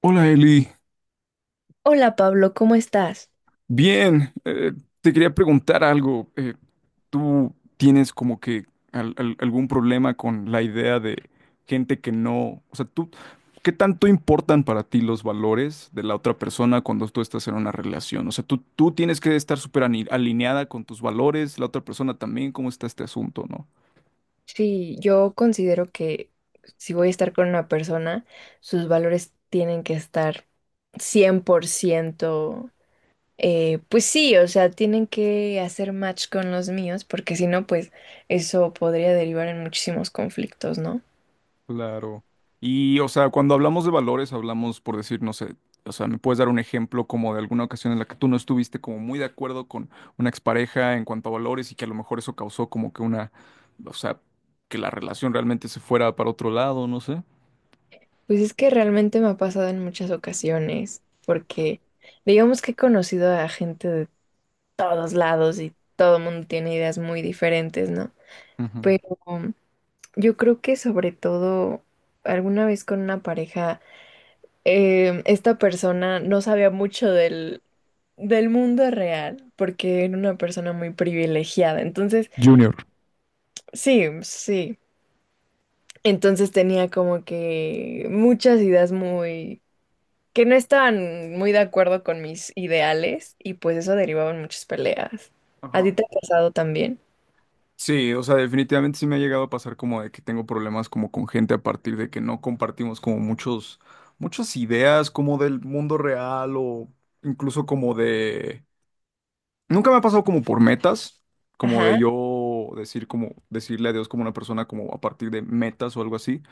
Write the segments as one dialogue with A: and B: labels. A: Hola Eli.
B: Hola Pablo, ¿cómo estás?
A: Bien. Te quería preguntar algo. ¿Tú tienes como que algún problema con la idea de gente que no, o sea, tú, ¿qué tanto importan para ti los valores de la otra persona cuando tú estás en una relación? O sea, tú tienes que estar súper alineada con tus valores, la otra persona también. ¿Cómo está este asunto, no?
B: Sí, yo considero que si voy a estar con una persona, sus valores tienen que estar 100%, pues sí, o sea, tienen que hacer match con los míos, porque si no, pues eso podría derivar en muchísimos conflictos, ¿no?
A: Claro. Y, o sea, cuando hablamos de valores, hablamos por decir, no sé, o sea, ¿me puedes dar un ejemplo como de alguna ocasión en la que tú no estuviste como muy de acuerdo con una expareja en cuanto a valores y que a lo mejor eso causó como que una, o sea, que la relación realmente se fuera para otro lado, no sé?
B: Pues es que realmente me ha pasado en muchas ocasiones, porque digamos que he conocido a gente de todos lados y todo el mundo tiene ideas muy diferentes, ¿no?
A: Ujú.
B: Pero yo creo que sobre todo alguna vez con una pareja, esta persona no sabía mucho del mundo real porque era una persona muy privilegiada. Entonces,
A: Junior.
B: sí, sí. Entonces tenía como que muchas ideas muy... que no estaban muy de acuerdo con mis ideales y pues eso derivaba en muchas peleas. ¿A ti
A: Ajá.
B: te ha pasado también?
A: Sí, o sea, definitivamente sí me ha llegado a pasar como de que tengo problemas como con gente a partir de que no compartimos como muchas ideas como del mundo real o incluso como de. Nunca me ha pasado como por metas, como de
B: Ajá,
A: yo decir como decirle adiós como una persona como a partir de metas o algo así,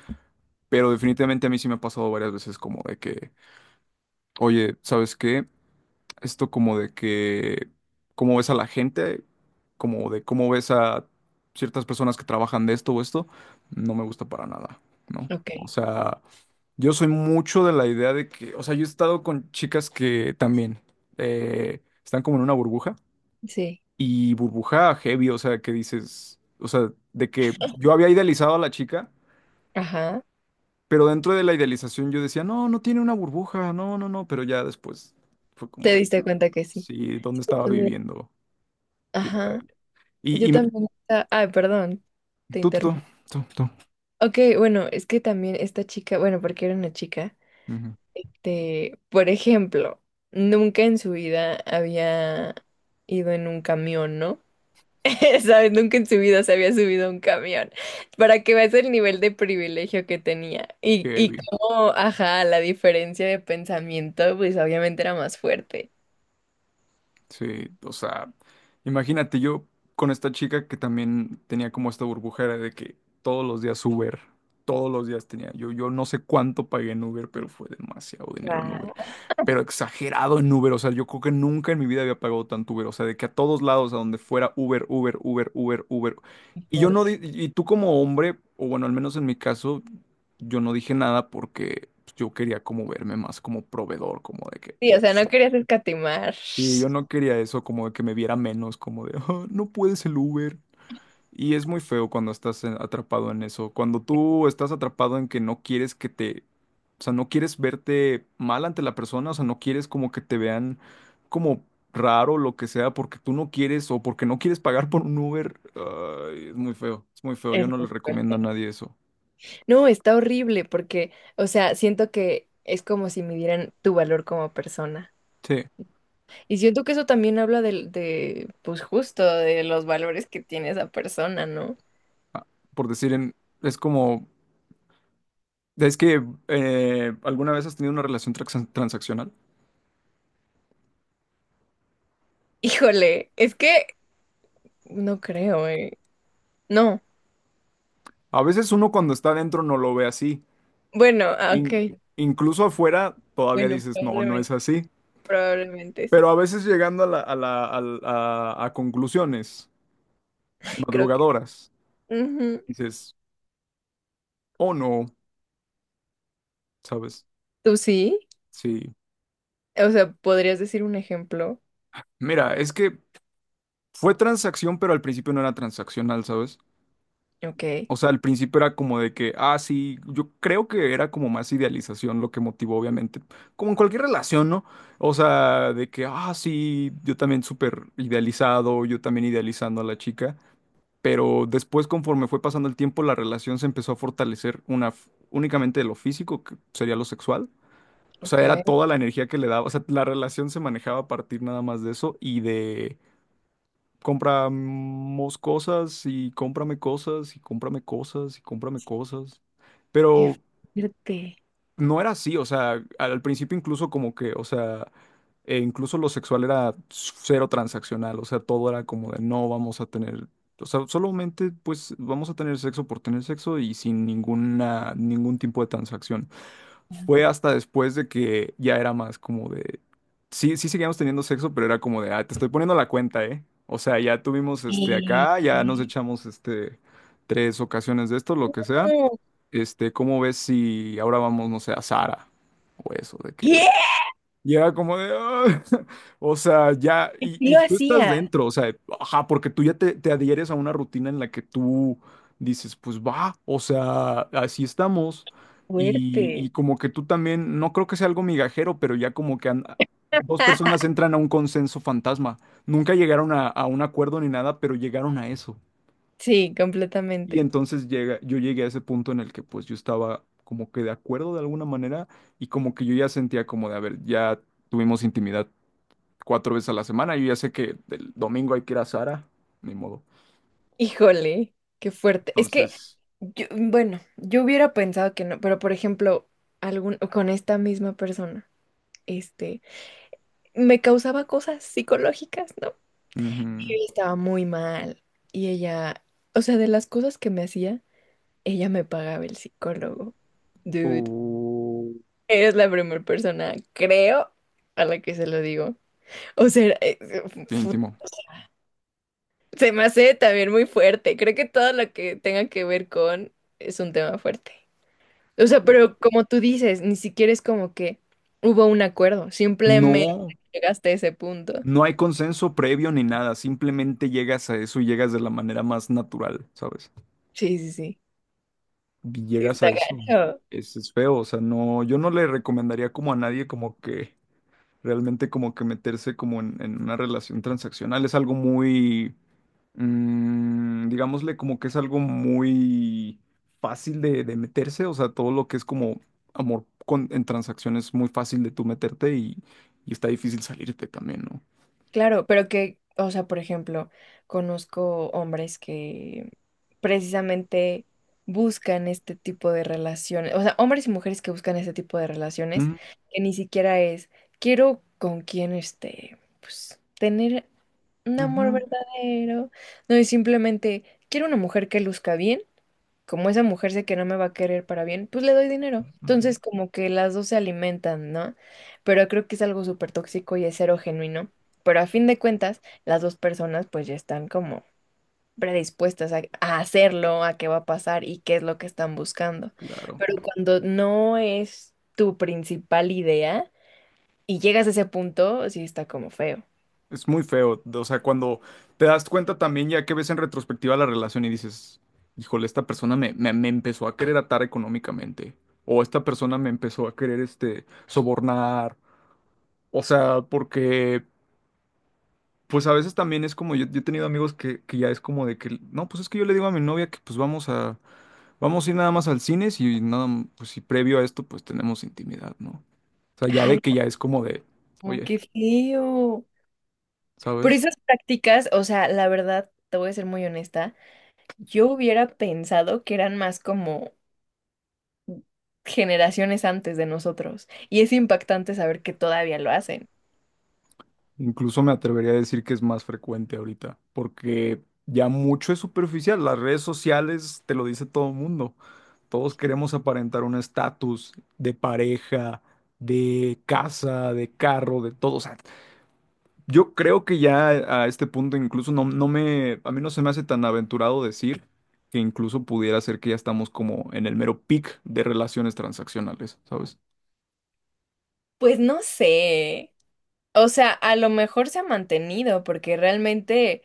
A: pero definitivamente a mí sí me ha pasado varias veces como de que, oye, ¿sabes qué? Esto como de que cómo ves a la gente, como de cómo ves a ciertas personas que trabajan de esto o esto, no me gusta para nada, ¿no?
B: ok.
A: O sea, yo soy mucho de la idea de que, o sea, yo he estado con chicas que también están como en una burbuja
B: Sí,
A: y burbuja heavy, o sea, que dices, o sea, de que yo había idealizado a la chica,
B: ajá.
A: pero dentro de la idealización yo decía, no, no tiene una burbuja, no, no, no, pero ya después fue como
B: ¿Te
A: de,
B: diste cuenta que sí?
A: sí,
B: Sí,
A: ¿dónde
B: yo
A: estaba
B: también.
A: viviendo? ¿Quién era
B: Ajá.
A: ella? Y,
B: Yo
A: y me,
B: también. Ay, perdón, te
A: tú, tú, tú,
B: interrumpo.
A: tú,
B: Ok, bueno, es que también esta chica, bueno, porque era una chica,
A: ujú,
B: por ejemplo, nunca en su vida había ido en un camión, ¿no? ¿Sabes? Nunca en su vida se había subido a un camión. Para que veas el nivel de privilegio que tenía. Y
A: heavy.
B: cómo, ajá, la diferencia de pensamiento, pues obviamente era más fuerte.
A: Sí, o sea, imagínate yo con esta chica que también tenía como esta burbujera de que todos los días Uber, todos los días tenía, yo no sé cuánto pagué en Uber, pero fue demasiado dinero en Uber,
B: Wow.
A: pero exagerado en Uber, o sea, yo creo que nunca en mi vida había pagado tanto Uber, o sea, de que a todos lados, a donde fuera Uber, Uber, Uber, Uber, Uber, y yo no,
B: Fuerte.
A: di- y tú como hombre, o bueno, al menos en mi caso, yo no dije nada porque pues, yo quería como verme más como proveedor, como de que,
B: Sí, o
A: oh,
B: sea, no
A: sí,
B: querías escatimar.
A: y yo no quería eso, como de que me viera menos, como de, "Ah, no puedes el Uber". Y es muy feo cuando estás atrapado en eso. Cuando tú estás atrapado en que no quieres que te, o sea, no quieres verte mal ante la persona, o sea, no quieres como que te vean como raro, lo que sea, porque tú no quieres o porque no quieres pagar por un Uber. Ay, es muy feo, es muy feo. Yo no le
B: Eso.
A: recomiendo a nadie eso.
B: No, está horrible porque, o sea, siento que es como si midieran tu valor como persona.
A: Sí,
B: Y siento que eso también habla pues justo, de los valores que tiene esa persona, ¿no?
A: por decir, en- es como, es que ¿alguna vez has tenido una relación transaccional?
B: Híjole, es que no creo, ¿eh? No.
A: A veces uno cuando está adentro no lo ve así.
B: Bueno, ah,
A: In-
B: ok.
A: incluso afuera todavía
B: Bueno,
A: dices, no, no
B: probablemente,
A: es así.
B: probablemente sí.
A: Pero a veces llegando a a conclusiones
B: Creo que...
A: madrugadoras,
B: ujú.
A: dices, oh no, ¿sabes?
B: ¿Tú sí?
A: Sí.
B: O sea, ¿podrías decir un ejemplo?
A: Mira, es que fue transacción, pero al principio no era transaccional, ¿sabes?
B: Ok,
A: O sea, al principio era como de que, ah, sí, yo creo que era como más idealización lo que motivó, obviamente, como en cualquier relación, ¿no? O sea, de que, ah, sí, yo también súper idealizado, yo también idealizando a la chica, pero después, conforme fue pasando el tiempo, la relación se empezó a fortalecer una, únicamente de lo físico, que sería lo sexual. O sea, era
B: ok.
A: toda la energía que le daba, o sea, la relación se manejaba a partir nada más de eso y de. Compramos cosas y cómprame cosas y cómprame cosas y cómprame cosas.
B: Qué
A: Pero
B: fuerte.
A: no era así, o sea, al principio incluso como que, o sea, e incluso lo sexual era cero transaccional, o sea, todo era como de no vamos a tener, o sea, solamente pues vamos a tener sexo por tener sexo y sin ninguna, ningún tipo de transacción, fue hasta después de que ya era más como de... Sí, sí seguíamos teniendo sexo, pero era como de, ah, te estoy poniendo la cuenta, ¿eh? O sea, ya tuvimos este
B: Y...
A: acá, ya nos echamos este 3 ocasiones de esto, lo que sea.
B: no,
A: Este, ¿cómo ves si ahora vamos, no sé, a Sara? O eso, de que
B: ¿qué?
A: ya como de, "Ah", o sea, ya,
B: ¿Sí
A: y
B: lo
A: tú estás
B: hacía?
A: dentro, o sea, ajá, porque tú ya te adhieres a una rutina en la que tú dices, pues va, o sea, así estamos, y,
B: Fuerte.
A: y como que tú también, no creo que sea algo migajero, pero ya como que dos personas entran a un consenso fantasma, nunca llegaron a un acuerdo ni nada, pero llegaron a eso.
B: Sí,
A: Y
B: completamente.
A: entonces llega, yo llegué a ese punto en el que pues yo estaba como que de acuerdo de alguna manera, y como que yo ya sentía como de, a ver, ya tuvimos intimidad 4 veces a la semana. Yo ya sé que el domingo hay que ir a Sara, ni modo.
B: Híjole, qué fuerte. Es que,
A: Entonces,
B: bueno, yo hubiera pensado que no, pero por ejemplo, algún, con esta misma persona, este, me causaba cosas psicológicas, ¿no? Y
A: ujú.
B: yo estaba muy mal. Y ella, o sea, de las cosas que me hacía, ella me pagaba el psicólogo. Dude,
A: Uh,
B: eres la primera persona, creo, a la que se lo digo. O sea,
A: qué íntimo.
B: se me hace también muy fuerte. Creo que todo lo que tenga que ver con es un tema fuerte. O sea, pero como tú dices, ni siquiera es como que hubo un acuerdo. Simplemente
A: No,
B: llegaste a ese punto.
A: no hay consenso previo ni nada. Simplemente llegas a eso y llegas de la manera más natural, ¿sabes?
B: Sí, sí, sí.
A: Y llegas a
B: Está
A: eso.
B: gacho.
A: Es feo, o sea, no, yo no le recomendaría como a nadie como que realmente como que meterse como en una relación transaccional. Es algo muy mm, digámosle como que es algo muy fácil de meterse, o sea, todo lo que es como amor con, en transacciones es muy fácil de tú meterte, y está difícil salirte también, ¿no?
B: Claro, pero que, o sea, por ejemplo, conozco hombres que precisamente buscan este tipo de relaciones. O sea, hombres y mujeres que buscan este tipo de relaciones,
A: Mm,
B: que ni siquiera es, quiero con quién este pues tener un amor
A: ujú.
B: verdadero. No es simplemente, quiero una mujer que luzca bien. Como esa mujer sé que no me va a querer para bien, pues le doy dinero.
A: Mm.
B: Entonces, como que las dos se alimentan, ¿no? Pero creo que es algo súper tóxico y es cero genuino. Pero a fin de cuentas, las dos personas pues ya están como predispuestas a hacerlo, a qué va a pasar y qué es lo que están buscando.
A: Claro.
B: Pero cuando no es tu principal idea y llegas a ese punto, sí está como feo.
A: Es muy feo, o sea, cuando te das cuenta también ya que ves en retrospectiva la relación y dices, híjole, esta persona me empezó a querer atar económicamente, o esta persona me empezó a querer, este, sobornar, o sea, porque pues a veces también es como, yo he tenido amigos que ya es como de que, no, pues es que yo le digo a mi novia que pues vamos a ir nada más al cine si, y nada, m- pues si previo a esto pues tenemos intimidad, ¿no? O sea, ya
B: Ay,
A: de que ya es como de,
B: no,
A: oye,
B: qué feo. Pero
A: ¿sabes?
B: esas prácticas, o sea, la verdad, te voy a ser muy honesta, yo hubiera pensado que eran más como generaciones antes de nosotros. Y es impactante saber que todavía lo hacen.
A: Incluso me atrevería a decir que es más frecuente ahorita, porque ya mucho es superficial, las redes sociales te lo dice todo el mundo, todos queremos aparentar un estatus de pareja, de casa, de carro, de todo, o sea, yo creo que ya a este punto incluso a mí no se me hace tan aventurado decir que incluso pudiera ser que ya estamos como en el mero peak de relaciones transaccionales, ¿sabes?
B: Pues no sé. O sea, a lo mejor se ha mantenido, porque realmente,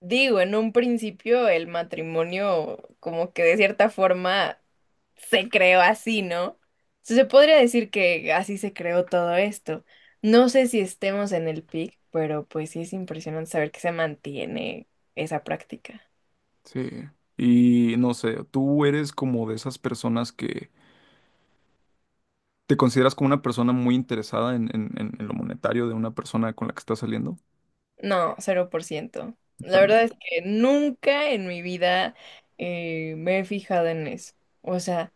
B: digo, en un principio el matrimonio como que de cierta forma se creó así, ¿no? Se podría decir que así se creó todo esto. No sé si estemos en el pic, pero pues sí es impresionante saber que se mantiene esa práctica.
A: Sí. Y no sé, tú eres como de esas personas que te consideras como una persona muy interesada en, en lo monetario de una persona con la que estás saliendo.
B: No, cero por ciento. La
A: También.
B: verdad es que nunca en mi vida me he fijado en eso. O sea,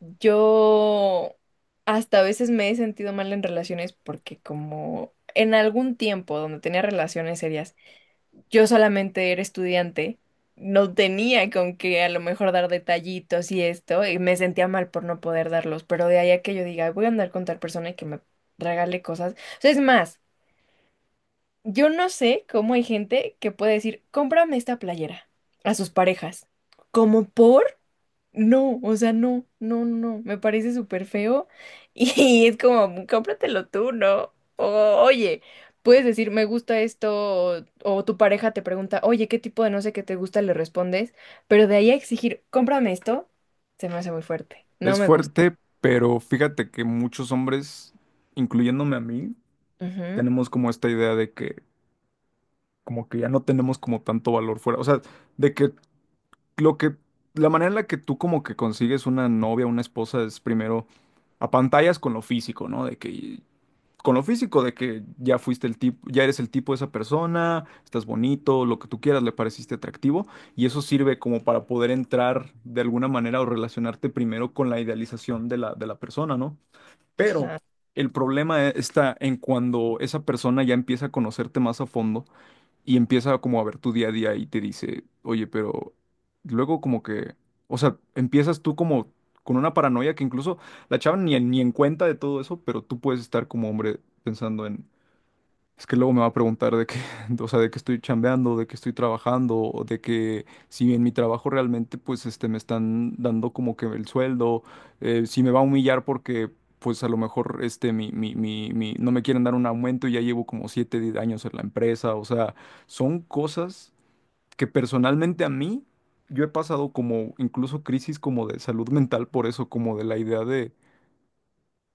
B: yo hasta a veces me he sentido mal en relaciones porque como en algún tiempo donde tenía relaciones serias, yo solamente era estudiante, no tenía con qué a lo mejor dar detallitos y esto, y me sentía mal por no poder darlos, pero de ahí a que yo diga, "Ay, voy a andar con tal persona y que me regale cosas". O sea, es más, yo no sé cómo hay gente que puede decir, cómprame esta playera a sus parejas. ¿Como por? No, o sea, no, no, no, me parece súper feo y es como, cómpratelo tú, ¿no? O, oye, puedes decir, me gusta esto, o tu pareja te pregunta, oye, ¿qué tipo de no sé qué te gusta? Le respondes, pero de ahí a exigir, cómprame esto, se me hace muy fuerte, no
A: Es
B: me gusta.
A: fuerte, pero fíjate que muchos hombres, incluyéndome a mí,
B: Ujú,
A: tenemos como esta idea de que como que ya no tenemos como tanto valor fuera. O sea, de que lo que, la manera en la que tú como que consigues una novia, una esposa, es primero a pantallas con lo físico, ¿no? De que, con lo físico, de que ya fuiste el tipo, ya eres el tipo de esa persona, estás bonito, lo que tú quieras, le pareciste atractivo, y eso sirve como para poder entrar de alguna manera o relacionarte primero con la idealización de de la persona, ¿no? Pero...
B: ajá.
A: El problema está en cuando esa persona ya empieza a conocerte más a fondo y empieza como a ver tu día a día y te dice, oye, pero luego como que, o sea, empiezas tú como con una paranoia que incluso la chava ni, ni en cuenta de todo eso, pero tú puedes estar como hombre pensando en es que luego me va a preguntar de qué, o sea, de qué estoy chambeando, de qué estoy trabajando, o de que si en mi trabajo realmente, pues, este, me están dando como que el sueldo, si me va a humillar porque, pues, a lo mejor, este, no me quieren dar un aumento y ya llevo como 7 años en la empresa, o sea, son cosas que personalmente a mí, yo he pasado como incluso crisis como de salud mental por eso, como de la idea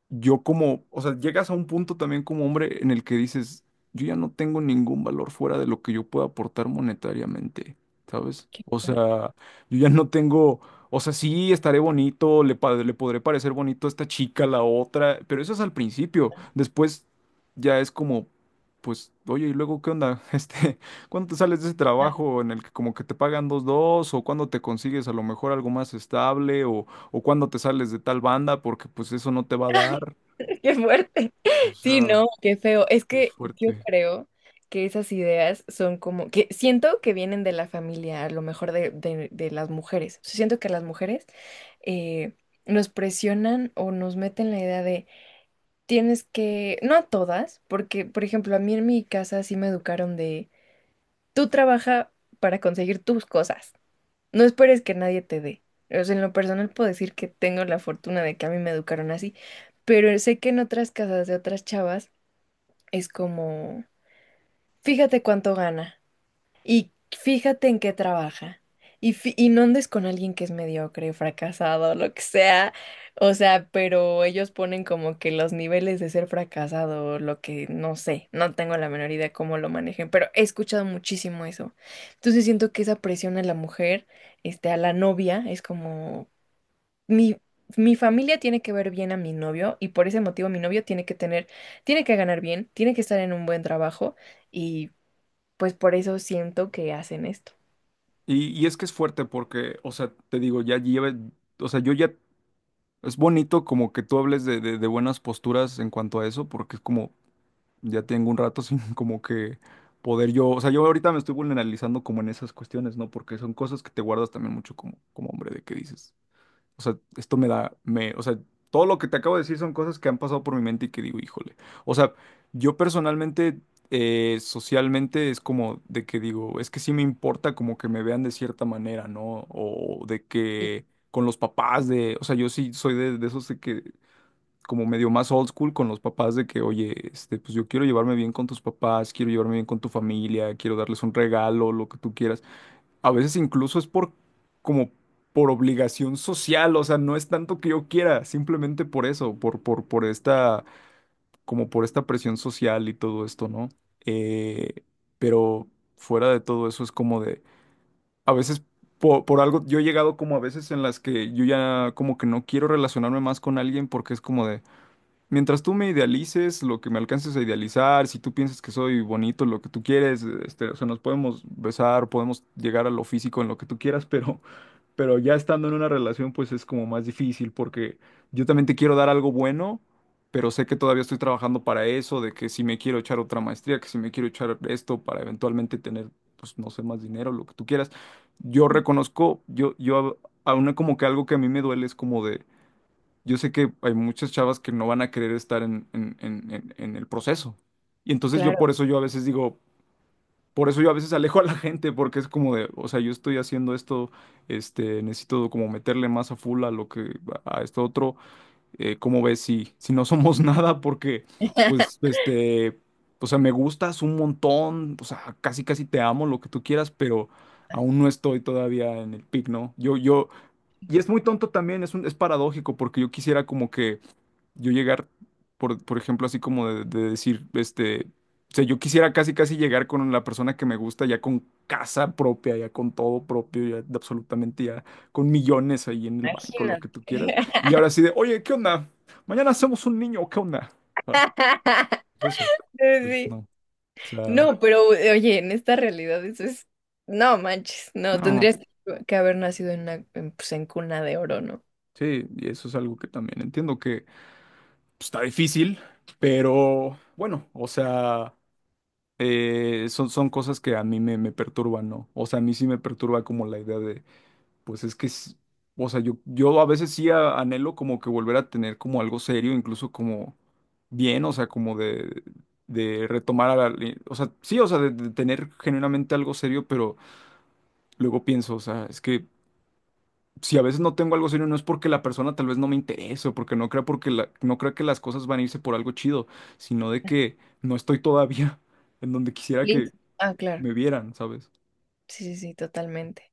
A: yo como, o sea, llegas a un punto también como hombre en el que dices, yo ya no tengo ningún valor fuera de lo que yo pueda aportar monetariamente, ¿sabes?
B: Qué
A: O
B: fuerte.
A: sea, yo ya no tengo, o sea, sí estaré bonito, le podré parecer bonito a esta chica, a la otra, pero eso es al principio. Después ya es como, pues, oye, ¿y luego qué onda? ¿Cuándo te sales de ese trabajo en el que como que te pagan o cuándo te consigues a lo mejor algo más estable, o cuándo te sales de tal banda, porque pues eso no te va a dar.
B: Qué fuerte.
A: O
B: Sí,
A: sea,
B: no, qué feo. Es
A: es
B: que yo
A: fuerte.
B: creo que esas ideas son como, que siento que vienen de la familia, a lo mejor de las mujeres. O sea, siento que las mujeres eh, nos presionan o nos meten la idea de tienes que, no a todas, porque, por ejemplo, a mí en mi casa sí me educaron de tú trabaja para conseguir tus cosas. No esperes que nadie te dé. O sea, en lo personal puedo decir que tengo la fortuna de que a mí me educaron así, pero sé que en otras casas de otras chavas es como, fíjate cuánto gana. Y fíjate en qué trabaja. Y y no andes con alguien que es mediocre, fracasado, lo que sea. O sea, pero ellos ponen como que los niveles de ser fracasado, lo que no sé, no tengo la menor idea cómo lo manejen, pero he escuchado muchísimo eso. Entonces siento que esa presión a la mujer, a la novia, es como mi, mi familia tiene que ver bien a mi novio y por ese motivo mi novio tiene que tener, tiene que ganar bien, tiene que estar en un buen trabajo y pues por eso siento que hacen esto.
A: Y es que es fuerte porque, o sea, te digo, ya lleva, o sea, yo ya, es bonito como que tú hables de buenas posturas en cuanto a eso, porque es como, ya tengo un rato sin como que poder yo, o sea, yo ahorita me estoy vulnerabilizando como en esas cuestiones, ¿no? Porque son cosas que te guardas también mucho como hombre de que dices. O sea, esto o sea, todo lo que te acabo de decir son cosas que han pasado por mi mente y que digo, híjole. O sea, yo personalmente, socialmente es como de que digo, es que sí me importa como que me vean de cierta manera, ¿no? O de
B: Sí,
A: que con los papás de, o sea, yo sí soy de esos de que como medio más old school con los papás de que, oye, pues yo quiero llevarme bien con tus papás, quiero llevarme bien con tu familia, quiero darles un regalo, lo que tú quieras. A veces incluso es por como por obligación social, o sea, no es tanto que yo quiera, simplemente por eso, por esta, como por esta presión social y todo esto, ¿no? Eh, pero fuera de todo eso es como de, a veces por, algo, yo he llegado como a veces en las que yo ya como que no quiero relacionarme más con alguien porque es como de, mientras tú me idealices, lo que me alcances a idealizar, si tú piensas que soy bonito, lo que tú quieres, o sea, nos podemos besar, podemos llegar a lo físico en lo que tú quieras, pero ya estando en una relación, pues es como más difícil porque yo también te quiero dar algo bueno, pero sé que todavía estoy trabajando para eso, de que si me quiero echar otra maestría, que si me quiero echar esto para eventualmente tener, pues no sé, más dinero, lo que tú quieras. Yo reconozco, yo a una como que algo que a mí me duele es como de, yo sé que hay muchas chavas que no van a querer estar en el proceso. Y entonces yo
B: claro,
A: por eso yo a veces digo, por eso yo a veces alejo a la gente, porque es como de, o sea, yo estoy haciendo esto, necesito como meterle más a full a lo que, a esto otro, ¿cómo ves si no somos nada? Porque, pues, o sea, me gustas un montón, o sea, casi casi te amo, lo que tú quieras, pero aún no estoy todavía en el pic, ¿no? Y es muy tonto también, es paradójico, porque yo quisiera como que yo llegar, por ejemplo, así como de decir, o sea, yo quisiera casi, casi llegar con la persona que me gusta, ya con casa propia, ya con todo propio, ya de absolutamente, ya con millones ahí en el banco, lo
B: imagínate.
A: que tú quieras. Y ahora sí de, oye, ¿qué onda? Mañana hacemos un niño, ¿qué onda? Ah, pues eso, pues
B: Sí.
A: no, o sea,
B: No, pero oye, en esta realidad eso es, no manches, no,
A: no.
B: tendrías que haber nacido en una, en, pues, en cuna de oro, ¿no?
A: Sí, y eso es algo que también entiendo que pues, está difícil, pero bueno, o sea... son, cosas que a mí me perturban, ¿no? O sea, a mí sí me perturba como la idea de, pues es que, o sea, yo a veces sí anhelo como que volver a tener como algo serio, incluso como bien, o sea, como de retomar a la, o sea, sí, o sea, de tener genuinamente algo serio, pero luego pienso, o sea, es que si a veces no tengo algo serio, no es porque la persona tal vez no me interese, o porque no crea, no crea que las cosas van a irse por algo chido, sino de que no estoy todavía en donde quisiera
B: Sí,
A: que,
B: ah,
A: que
B: claro,
A: me vieran, ¿sabes?
B: sí, sí, sí, totalmente.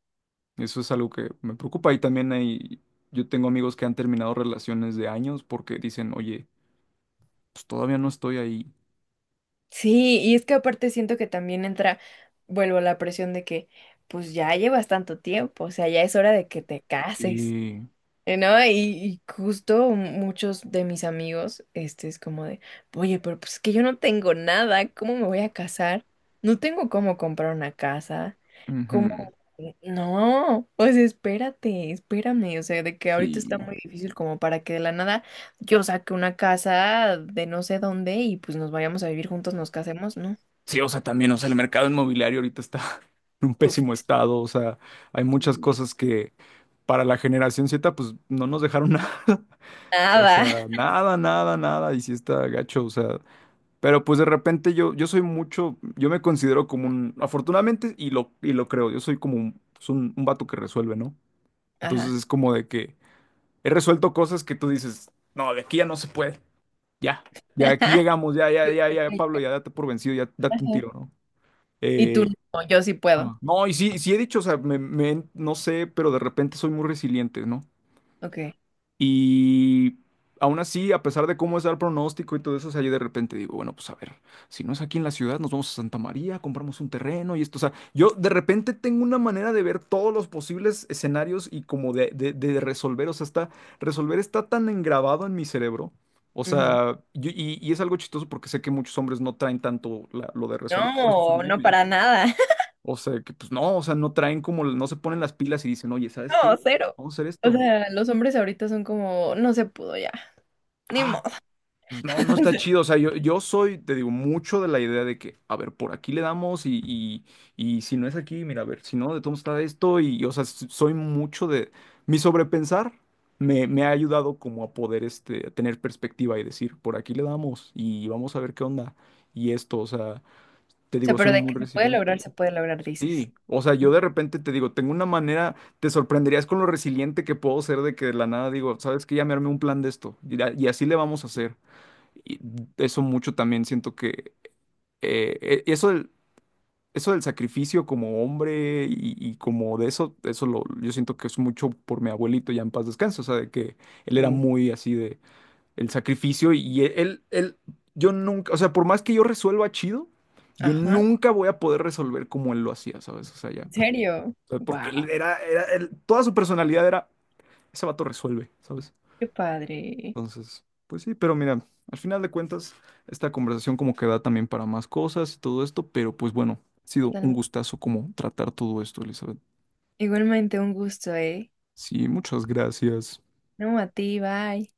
A: Eso es algo que me preocupa y también yo tengo amigos que han terminado relaciones de años porque dicen, oye, pues todavía no estoy ahí.
B: Sí, y es que aparte siento que también entra, vuelvo a la presión de que, pues ya llevas tanto tiempo, o sea, ya es hora de que te cases.
A: Sí,
B: ¿No? Y justo muchos de mis amigos, este es como de, oye, pero pues es que yo no tengo nada, ¿cómo me voy a casar? No tengo cómo comprar una casa, ¿cómo?
A: ujú,
B: No, pues espérate, espérame, o sea, de que ahorita está
A: sí.
B: muy difícil como para que de la nada yo saque una casa de no sé dónde y pues nos vayamos a vivir juntos, nos casemos, ¿no?
A: Sí, o sea, también, o sea, el mercado inmobiliario ahorita está en un
B: Uf,
A: pésimo estado, o sea, hay muchas cosas que para la generación Z, pues no nos dejaron nada. O
B: nada.
A: sea, nada, nada, nada. Y si está gacho, o sea, pero pues de repente yo soy mucho, yo me considero como un, afortunadamente, y lo creo, yo soy como un, pues, un vato que resuelve, ¿no? Entonces
B: Ajá.
A: es como de que he resuelto cosas que tú dices, no, de aquí ya no se puede, ya, ya aquí llegamos, ya, ya, ya, ya, Pablo, ya date por vencido, ya date un
B: Ajá.
A: tiro, ¿no?
B: Y tú
A: Eh,
B: no, yo sí puedo.
A: ah, no, y sí, sí he dicho, o sea, no sé, pero de repente soy muy resiliente, ¿no?
B: Ok.
A: Y aún así, a pesar de cómo es el pronóstico y todo eso, o sea, yo de repente digo, bueno, pues a ver, si no es aquí en la ciudad, nos vamos a Santa María, compramos un terreno y esto. O sea, yo de repente tengo una manera de ver todos los posibles escenarios y como de resolver, o sea, resolver está tan engrabado en mi cerebro. O sea, y es algo chistoso porque sé que muchos hombres no traen tanto lo de resolver, por eso es un
B: No, no
A: meme.
B: para nada.
A: O sea, que pues no, o sea, no traen como, no se ponen las pilas y dicen, oye, ¿sabes
B: No,
A: qué?
B: cero.
A: Vamos a hacer
B: O
A: esto.
B: sea, los hombres ahorita son como, no se pudo ya, ni modo.
A: Ah, pues no, no está chido. O sea, yo soy, te digo, mucho de la idea de que, a ver, por aquí le damos y si no es aquí, mira, a ver, si no, de todo está esto. Y, o sea, soy mucho de... Mi sobrepensar me ha ayudado como a poder a tener perspectiva y decir, por aquí le damos y vamos a ver qué onda. Y esto, o sea, te
B: O sea,
A: digo, soy
B: pero de
A: muy
B: que
A: resiliente.
B: se puede lograr, dices.
A: Sí, o sea,
B: Mm,
A: yo de repente te digo, tengo una manera, te sorprenderías con lo resiliente que puedo ser de que de la nada digo, sabes que ya me armé un plan de esto y así le vamos a hacer. Y eso mucho también siento que eh, e- eso del, eso del sacrificio como hombre y como de eso, yo siento que es mucho por mi abuelito ya en paz descanse, o sea, de que él era
B: ok.
A: muy así de el sacrificio y yo nunca, o sea, por más que yo resuelva chido, yo
B: Ajá.
A: nunca voy a poder resolver como él lo hacía, ¿sabes? O sea, ya,
B: ¿En
A: o
B: serio?
A: sea, porque
B: Wow,
A: él era, toda su personalidad era, ese vato resuelve, ¿sabes?
B: qué padre.
A: Entonces, pues sí, pero mira, al final de cuentas, esta conversación como que da también para más cosas y todo esto, pero pues bueno, ha sido un
B: Totalmente.
A: gustazo como tratar todo esto, Elizabeth.
B: Igualmente un gusto, ¿eh?
A: Sí, muchas gracias.
B: No, a ti, bye.